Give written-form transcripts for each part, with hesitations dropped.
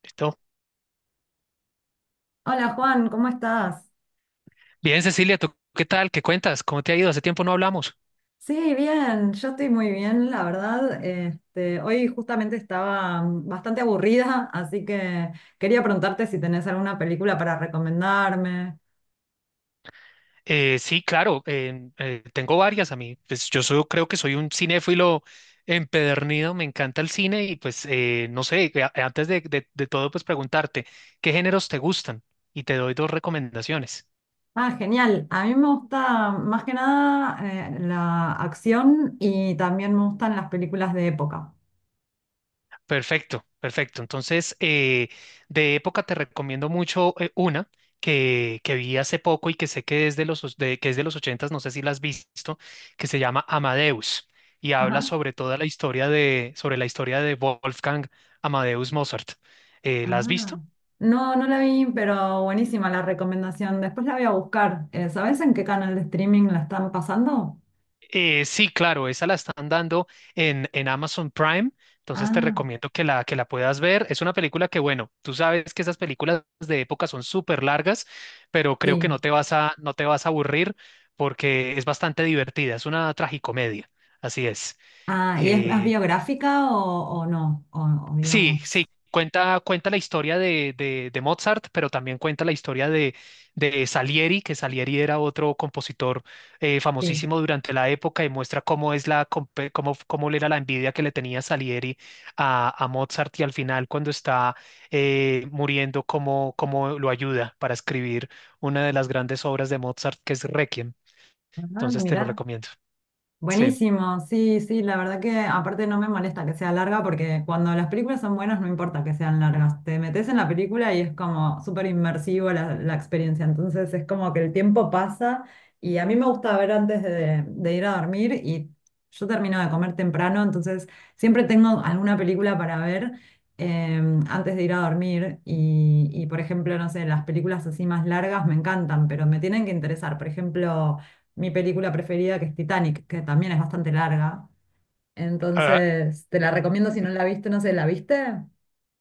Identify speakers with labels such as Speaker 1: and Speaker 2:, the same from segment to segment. Speaker 1: Listo.
Speaker 2: Hola Juan, ¿cómo estás?
Speaker 1: Bien, Cecilia, ¿tú qué tal? ¿Qué cuentas? ¿Cómo te ha ido? Hace tiempo no hablamos.
Speaker 2: Sí, bien, yo estoy muy bien, la verdad. Este, hoy justamente estaba bastante aburrida, así que quería preguntarte si tenés alguna película para recomendarme.
Speaker 1: Sí, claro, tengo varias a mí. Pues creo que soy un cinéfilo empedernido, me encanta el cine y pues no sé, antes de todo pues preguntarte, ¿qué géneros te gustan? Y te doy dos recomendaciones.
Speaker 2: Ah, genial. A mí me gusta más que nada la acción y también me gustan las películas de época.
Speaker 1: Perfecto, perfecto. Entonces, de época te recomiendo mucho una que vi hace poco y que sé que es de que es de los ochentas, no sé si la has visto, que se llama Amadeus y habla
Speaker 2: Ajá.
Speaker 1: sobre toda la historia de, sobre la historia de Wolfgang Amadeus Mozart. ¿La has
Speaker 2: Ah.
Speaker 1: visto?
Speaker 2: No, no la vi, pero buenísima la recomendación. Después la voy a buscar. ¿Sabés en qué canal de streaming la están pasando?
Speaker 1: Sí, claro, esa la están dando en Amazon Prime, entonces te
Speaker 2: Ah.
Speaker 1: recomiendo que la puedas ver. Es una película que, bueno, tú sabes que esas películas de época son súper largas, pero creo que
Speaker 2: Sí.
Speaker 1: no te vas a aburrir porque es bastante divertida, es una tragicomedia, así es.
Speaker 2: Ah, ¿y es más
Speaker 1: Eh,
Speaker 2: biográfica o no? O
Speaker 1: Sí,
Speaker 2: digamos,
Speaker 1: sí, cuenta la historia de Mozart, pero también cuenta la historia de Salieri, que Salieri era otro compositor
Speaker 2: sí.
Speaker 1: famosísimo durante la época y muestra cómo cómo, cómo era la envidia que le tenía Salieri a Mozart y al final cuando está muriendo, cómo, cómo lo ayuda para escribir una de las grandes obras de Mozart, que es Requiem.
Speaker 2: Ah,
Speaker 1: Entonces te lo
Speaker 2: mira.
Speaker 1: recomiendo. Sí.
Speaker 2: Buenísimo, sí, sí, la verdad que aparte no me molesta que sea larga porque cuando las películas son buenas no importa que sean largas, te metes en la película y es como súper inmersivo la experiencia, entonces es como que el tiempo pasa y a mí me gusta ver antes de ir a dormir y yo termino de comer temprano, entonces siempre tengo alguna película para ver antes de ir a dormir y por ejemplo, no sé, las películas así más largas me encantan, pero me tienen que interesar, por ejemplo mi película preferida, que es Titanic, que también es bastante larga.
Speaker 1: Ah,
Speaker 2: Entonces, te la recomiendo si no la viste, no sé, ¿la viste?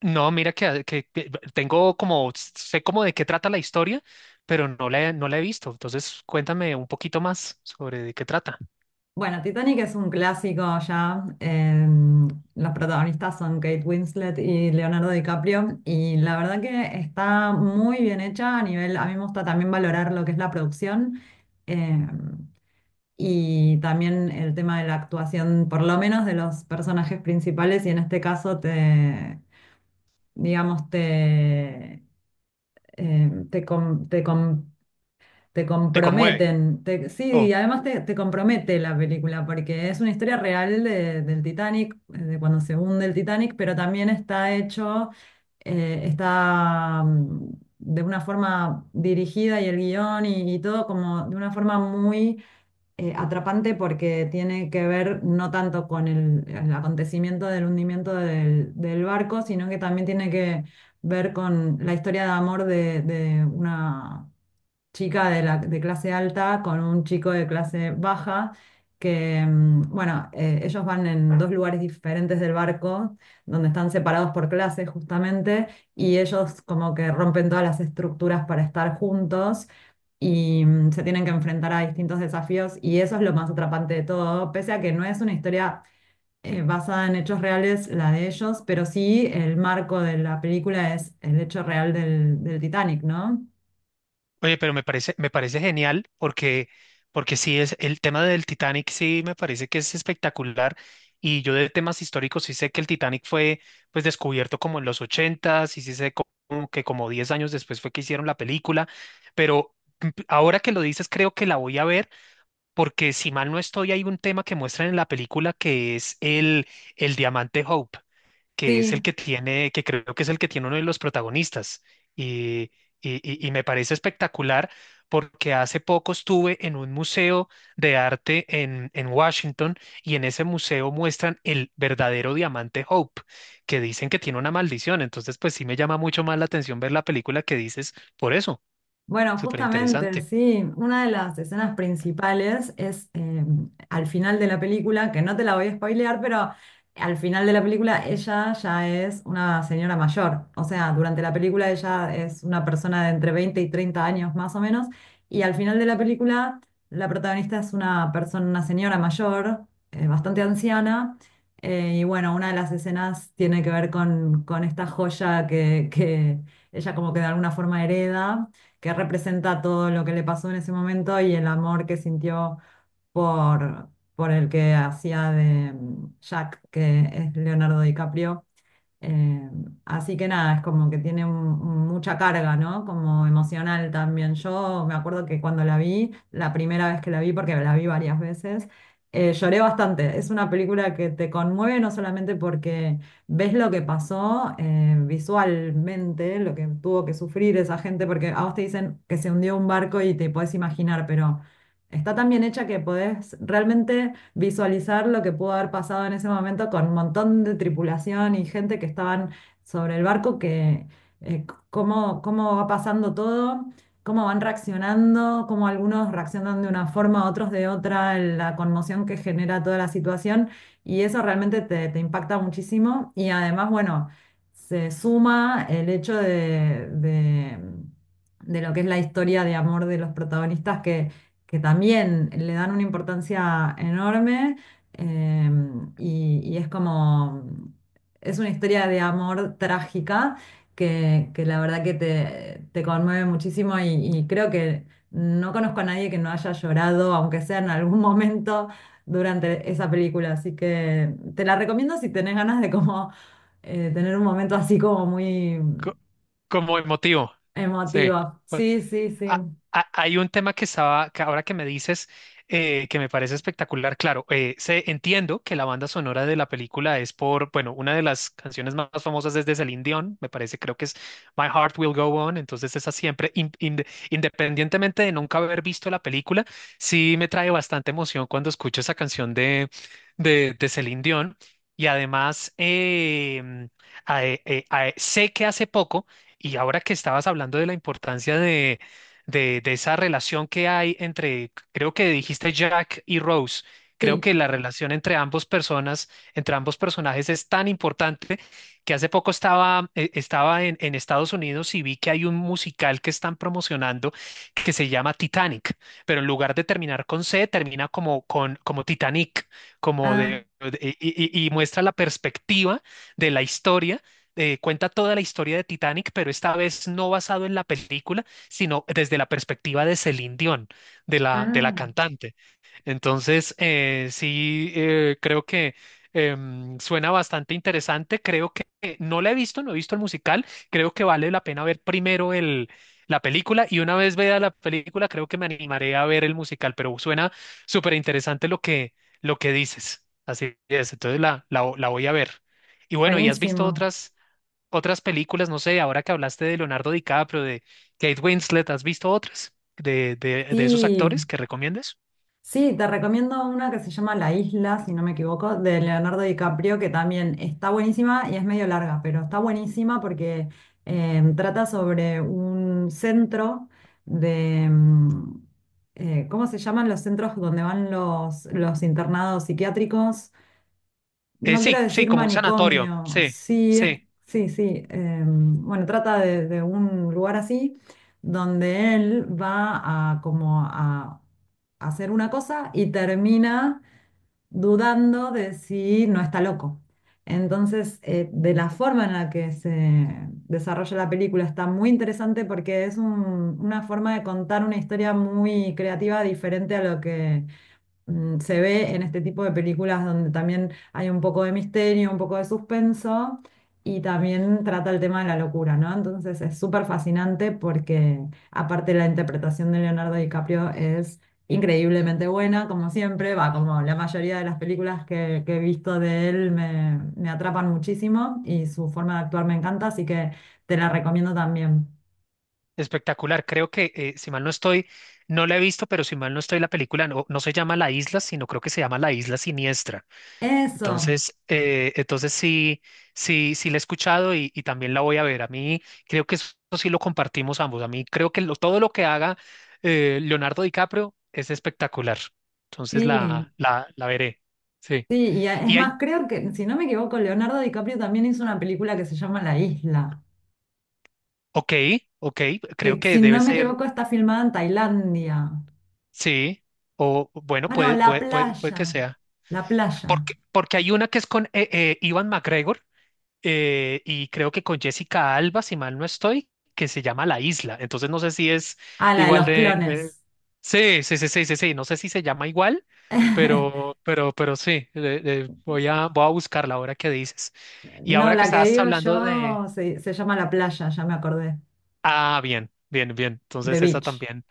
Speaker 1: no, mira que tengo como, sé como de qué trata la historia, pero no la he visto. Entonces, cuéntame un poquito más sobre de qué trata.
Speaker 2: Bueno, Titanic es un clásico ya. Los protagonistas son Kate Winslet y Leonardo DiCaprio. Y la verdad que está muy bien hecha a nivel, a mí me gusta también valorar lo que es la producción. eh, y también el tema de la actuación, por lo menos de los personajes principales, y en este caso te, digamos, te, eh, te, com- te com- te
Speaker 1: ¿Te conmueve?
Speaker 2: comprometen. Sí,
Speaker 1: Oh,
Speaker 2: y además te, te compromete la película, porque es una historia real del Titanic, de cuando se hunde el Titanic, pero también está hecho, está de una forma dirigida y el guión y todo como de una forma muy atrapante porque tiene que ver no tanto con el acontecimiento del hundimiento del, del barco, sino que también tiene que ver con la historia de amor de una chica de, la, de clase alta con un chico de clase baja, que, bueno, ellos van en dos lugares diferentes del barco, donde están separados por clases justamente, y ellos como que rompen todas las estructuras para estar juntos. Y se tienen que enfrentar a distintos desafíos y eso es lo más atrapante de todo, pese a que no es una historia basada en hechos reales, la de ellos, pero sí el marco de la película es el hecho real del, del Titanic, ¿no?
Speaker 1: oye, pero me parece genial porque, porque sí es el tema del Titanic, sí me parece que es espectacular. Y yo de temas históricos sí sé que el Titanic fue pues descubierto como en los ochentas, y sí como que como 10 años después fue que hicieron la película, pero ahora que lo dices creo que la voy a ver porque si mal no estoy, hay un tema que muestran en la película que es el diamante Hope, que es el
Speaker 2: Sí,
Speaker 1: que tiene, que creo que es el que tiene uno de los protagonistas. Y, y me parece espectacular porque hace poco estuve en un museo de arte en Washington y en ese museo muestran el verdadero diamante Hope, que dicen que tiene una maldición. Entonces, pues sí me llama mucho más la atención ver la película que dices por eso.
Speaker 2: bueno,
Speaker 1: Súper
Speaker 2: justamente,
Speaker 1: interesante.
Speaker 2: sí, una de las escenas principales es al final de la película, que no te la voy a spoilear, pero al final de la película ella ya es una señora mayor, o sea, durante la película ella es una persona de entre 20 y 30 años más o menos, y al final de la película la protagonista es una persona, una señora mayor, bastante anciana. Y bueno, una de las escenas tiene que ver con esta joya que ella como que de alguna forma hereda que representa todo lo que le pasó en ese momento y el amor que sintió por, por el que hacía de Jack, que es Leonardo DiCaprio. Eh, Así que nada, es como que tiene mucha carga, ¿no? Como emocional también. Yo me acuerdo que cuando la vi, la primera vez que la vi, porque la vi varias veces, lloré bastante. Es una película que te conmueve no solamente porque ves lo que pasó visualmente, lo que tuvo que sufrir esa gente, porque a vos te dicen que se hundió un barco y te podés imaginar, pero está tan bien hecha que podés realmente visualizar lo que pudo haber pasado en ese momento con un montón de tripulación y gente que estaban sobre el barco, que eh, cómo, cómo va pasando todo, cómo van reaccionando, cómo algunos reaccionan de una forma, otros de otra, la conmoción que genera toda la situación y eso realmente te, te impacta muchísimo y además, bueno, se suma el hecho de lo que es la historia de amor de los protagonistas, que también le dan una importancia enorme eh, y es como, es una historia de amor trágica que la verdad que te conmueve muchísimo y creo que no conozco a nadie que no haya llorado, aunque sea en algún momento durante esa película, así que te la recomiendo si tenés ganas de como tener un momento así como muy
Speaker 1: Co- Como emotivo. Sí.
Speaker 2: emotivo. Sí, sí, sí,
Speaker 1: Ah, ah, hay un tema que estaba, que ahora que me dices, que me parece espectacular. Claro, entiendo que la banda sonora de la película es por, bueno, una de las canciones más famosas es de Celine Dion, me parece, creo que es My Heart Will Go On. Entonces, esa siempre, independientemente de nunca haber visto la película, sí me trae bastante emoción cuando escucho esa canción de Celine Dion. Y además, sé que hace poco, y ahora que estabas hablando de la importancia de esa relación que hay entre, creo que dijiste Jack y Rose. Creo
Speaker 2: sí.
Speaker 1: que la relación entre ambos personas, entre ambos personajes es tan importante que hace poco estaba, estaba en Estados Unidos y vi que hay un musical que están promocionando que se llama Titanic, pero en lugar de terminar con C, termina como con como Titanic, como
Speaker 2: Ah,
Speaker 1: y muestra la perspectiva de la historia. Cuenta toda la historia de Titanic, pero esta vez no basado en la película, sino desde la perspectiva de Celine Dion, de de la
Speaker 2: ah,
Speaker 1: cantante. Entonces, sí, creo que suena bastante interesante. Creo que no la he visto, no he visto el musical. Creo que vale la pena ver primero la película y una vez vea la película, creo que me animaré a ver el musical, pero suena súper interesante lo que dices. Así es, entonces la voy a ver. Y bueno, ¿y has visto
Speaker 2: buenísimo.
Speaker 1: otras? Otras películas, no sé, ahora que hablaste de Leonardo DiCaprio, de Kate Winslet, ¿has visto otras de esos
Speaker 2: Sí,
Speaker 1: actores que recomiendes?
Speaker 2: sí, te recomiendo una que se llama La Isla, si no me equivoco, de Leonardo DiCaprio, que también está buenísima y es medio larga, pero está buenísima porque trata sobre un centro de, ¿cómo se llaman los centros donde van los internados psiquiátricos? No quiero
Speaker 1: Sí, sí,
Speaker 2: decir
Speaker 1: como un sanatorio,
Speaker 2: manicomio,
Speaker 1: sí,
Speaker 2: sí, es,
Speaker 1: sí,
Speaker 2: sí, sí. Bueno, trata de un lugar así donde él va a como a hacer una cosa y termina dudando de si no está loco. Entonces, de la forma en la que se desarrolla la película está muy interesante porque es una forma de contar una historia muy creativa diferente a lo que se ve en este tipo de películas donde también hay un poco de misterio, un poco de suspenso y también trata el tema de la locura, ¿no? Entonces es súper fascinante porque aparte la interpretación de Leonardo DiCaprio es increíblemente buena, como siempre, va, como la mayoría de las películas que he visto de él me, me atrapan muchísimo y su forma de actuar me encanta, así que te la recomiendo también.
Speaker 1: espectacular. Creo que, si mal no estoy, no la he visto, pero si mal no estoy, la película no, no se llama La Isla, sino creo que se llama La Isla Siniestra.
Speaker 2: Eso,
Speaker 1: Entonces, entonces sí, sí, sí la he escuchado y también la voy a ver. A mí creo que eso sí lo compartimos ambos. A mí creo todo lo que haga Leonardo DiCaprio es espectacular. Entonces
Speaker 2: sí.
Speaker 1: la veré. Sí.
Speaker 2: Sí, es
Speaker 1: Y hay,
Speaker 2: más, creo que, si no me equivoco, Leonardo DiCaprio también hizo una película que se llama La Isla,
Speaker 1: ok, ok, creo
Speaker 2: que si
Speaker 1: que
Speaker 2: no
Speaker 1: debe
Speaker 2: me
Speaker 1: ser,
Speaker 2: equivoco está filmada en Tailandia.
Speaker 1: sí, o bueno,
Speaker 2: Ah, no, La
Speaker 1: puede
Speaker 2: Playa,
Speaker 1: que sea.
Speaker 2: La Playa.
Speaker 1: Porque, porque hay una que es con Ewan McGregor y creo que con Jessica Alba, si mal no estoy, que se llama La Isla. Entonces no sé si es
Speaker 2: Ah, la de
Speaker 1: igual
Speaker 2: los
Speaker 1: de...
Speaker 2: clones.
Speaker 1: sí, sí, sí, sí, sí, sí, no sé si se llama igual, pero sí, voy a, voy a buscarla ahora que dices. Y
Speaker 2: No,
Speaker 1: ahora que
Speaker 2: la que
Speaker 1: estabas
Speaker 2: digo
Speaker 1: hablando de...
Speaker 2: yo se, se llama La Playa, ya me acordé,
Speaker 1: Ah, bien, bien, bien.
Speaker 2: The
Speaker 1: Entonces esa
Speaker 2: Beach.
Speaker 1: también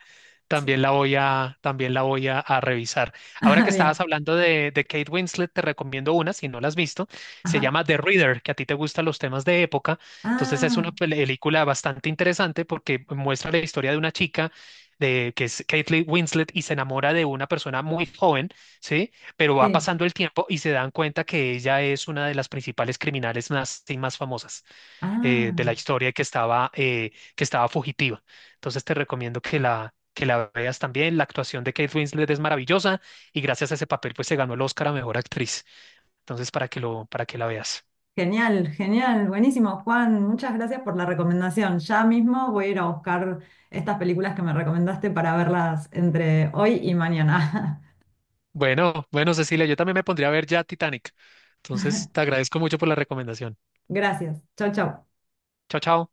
Speaker 2: Sí.
Speaker 1: también la voy a, también la voy a revisar. Ahora que
Speaker 2: Ah,
Speaker 1: estabas
Speaker 2: bien,
Speaker 1: hablando de Kate Winslet, te recomiendo una, si no la has visto, se
Speaker 2: ajá.
Speaker 1: llama The Reader, que a ti te gustan los temas de época. Entonces es una
Speaker 2: Ah,
Speaker 1: película bastante interesante porque muestra la historia de una chica. De, que es Kate Winslet y se enamora de una persona muy joven, ¿sí? Pero va
Speaker 2: sí,
Speaker 1: pasando el tiempo y se dan cuenta que ella es una de las principales criminales más, más famosas
Speaker 2: ah.
Speaker 1: de la historia y que estaba fugitiva. Entonces te recomiendo que la veas también. La actuación de Kate Winslet es maravillosa y gracias a ese papel pues se ganó el Oscar a Mejor Actriz. Entonces para para que la veas.
Speaker 2: Genial, genial, buenísimo, Juan. Muchas gracias por la recomendación. Ya mismo voy a ir a buscar estas películas que me recomendaste para verlas entre hoy y mañana.
Speaker 1: Bueno, bueno, Cecilia, yo también me pondría a ver ya Titanic. Entonces te agradezco mucho por la recomendación.
Speaker 2: Gracias. Chau, chau.
Speaker 1: Chao, chao.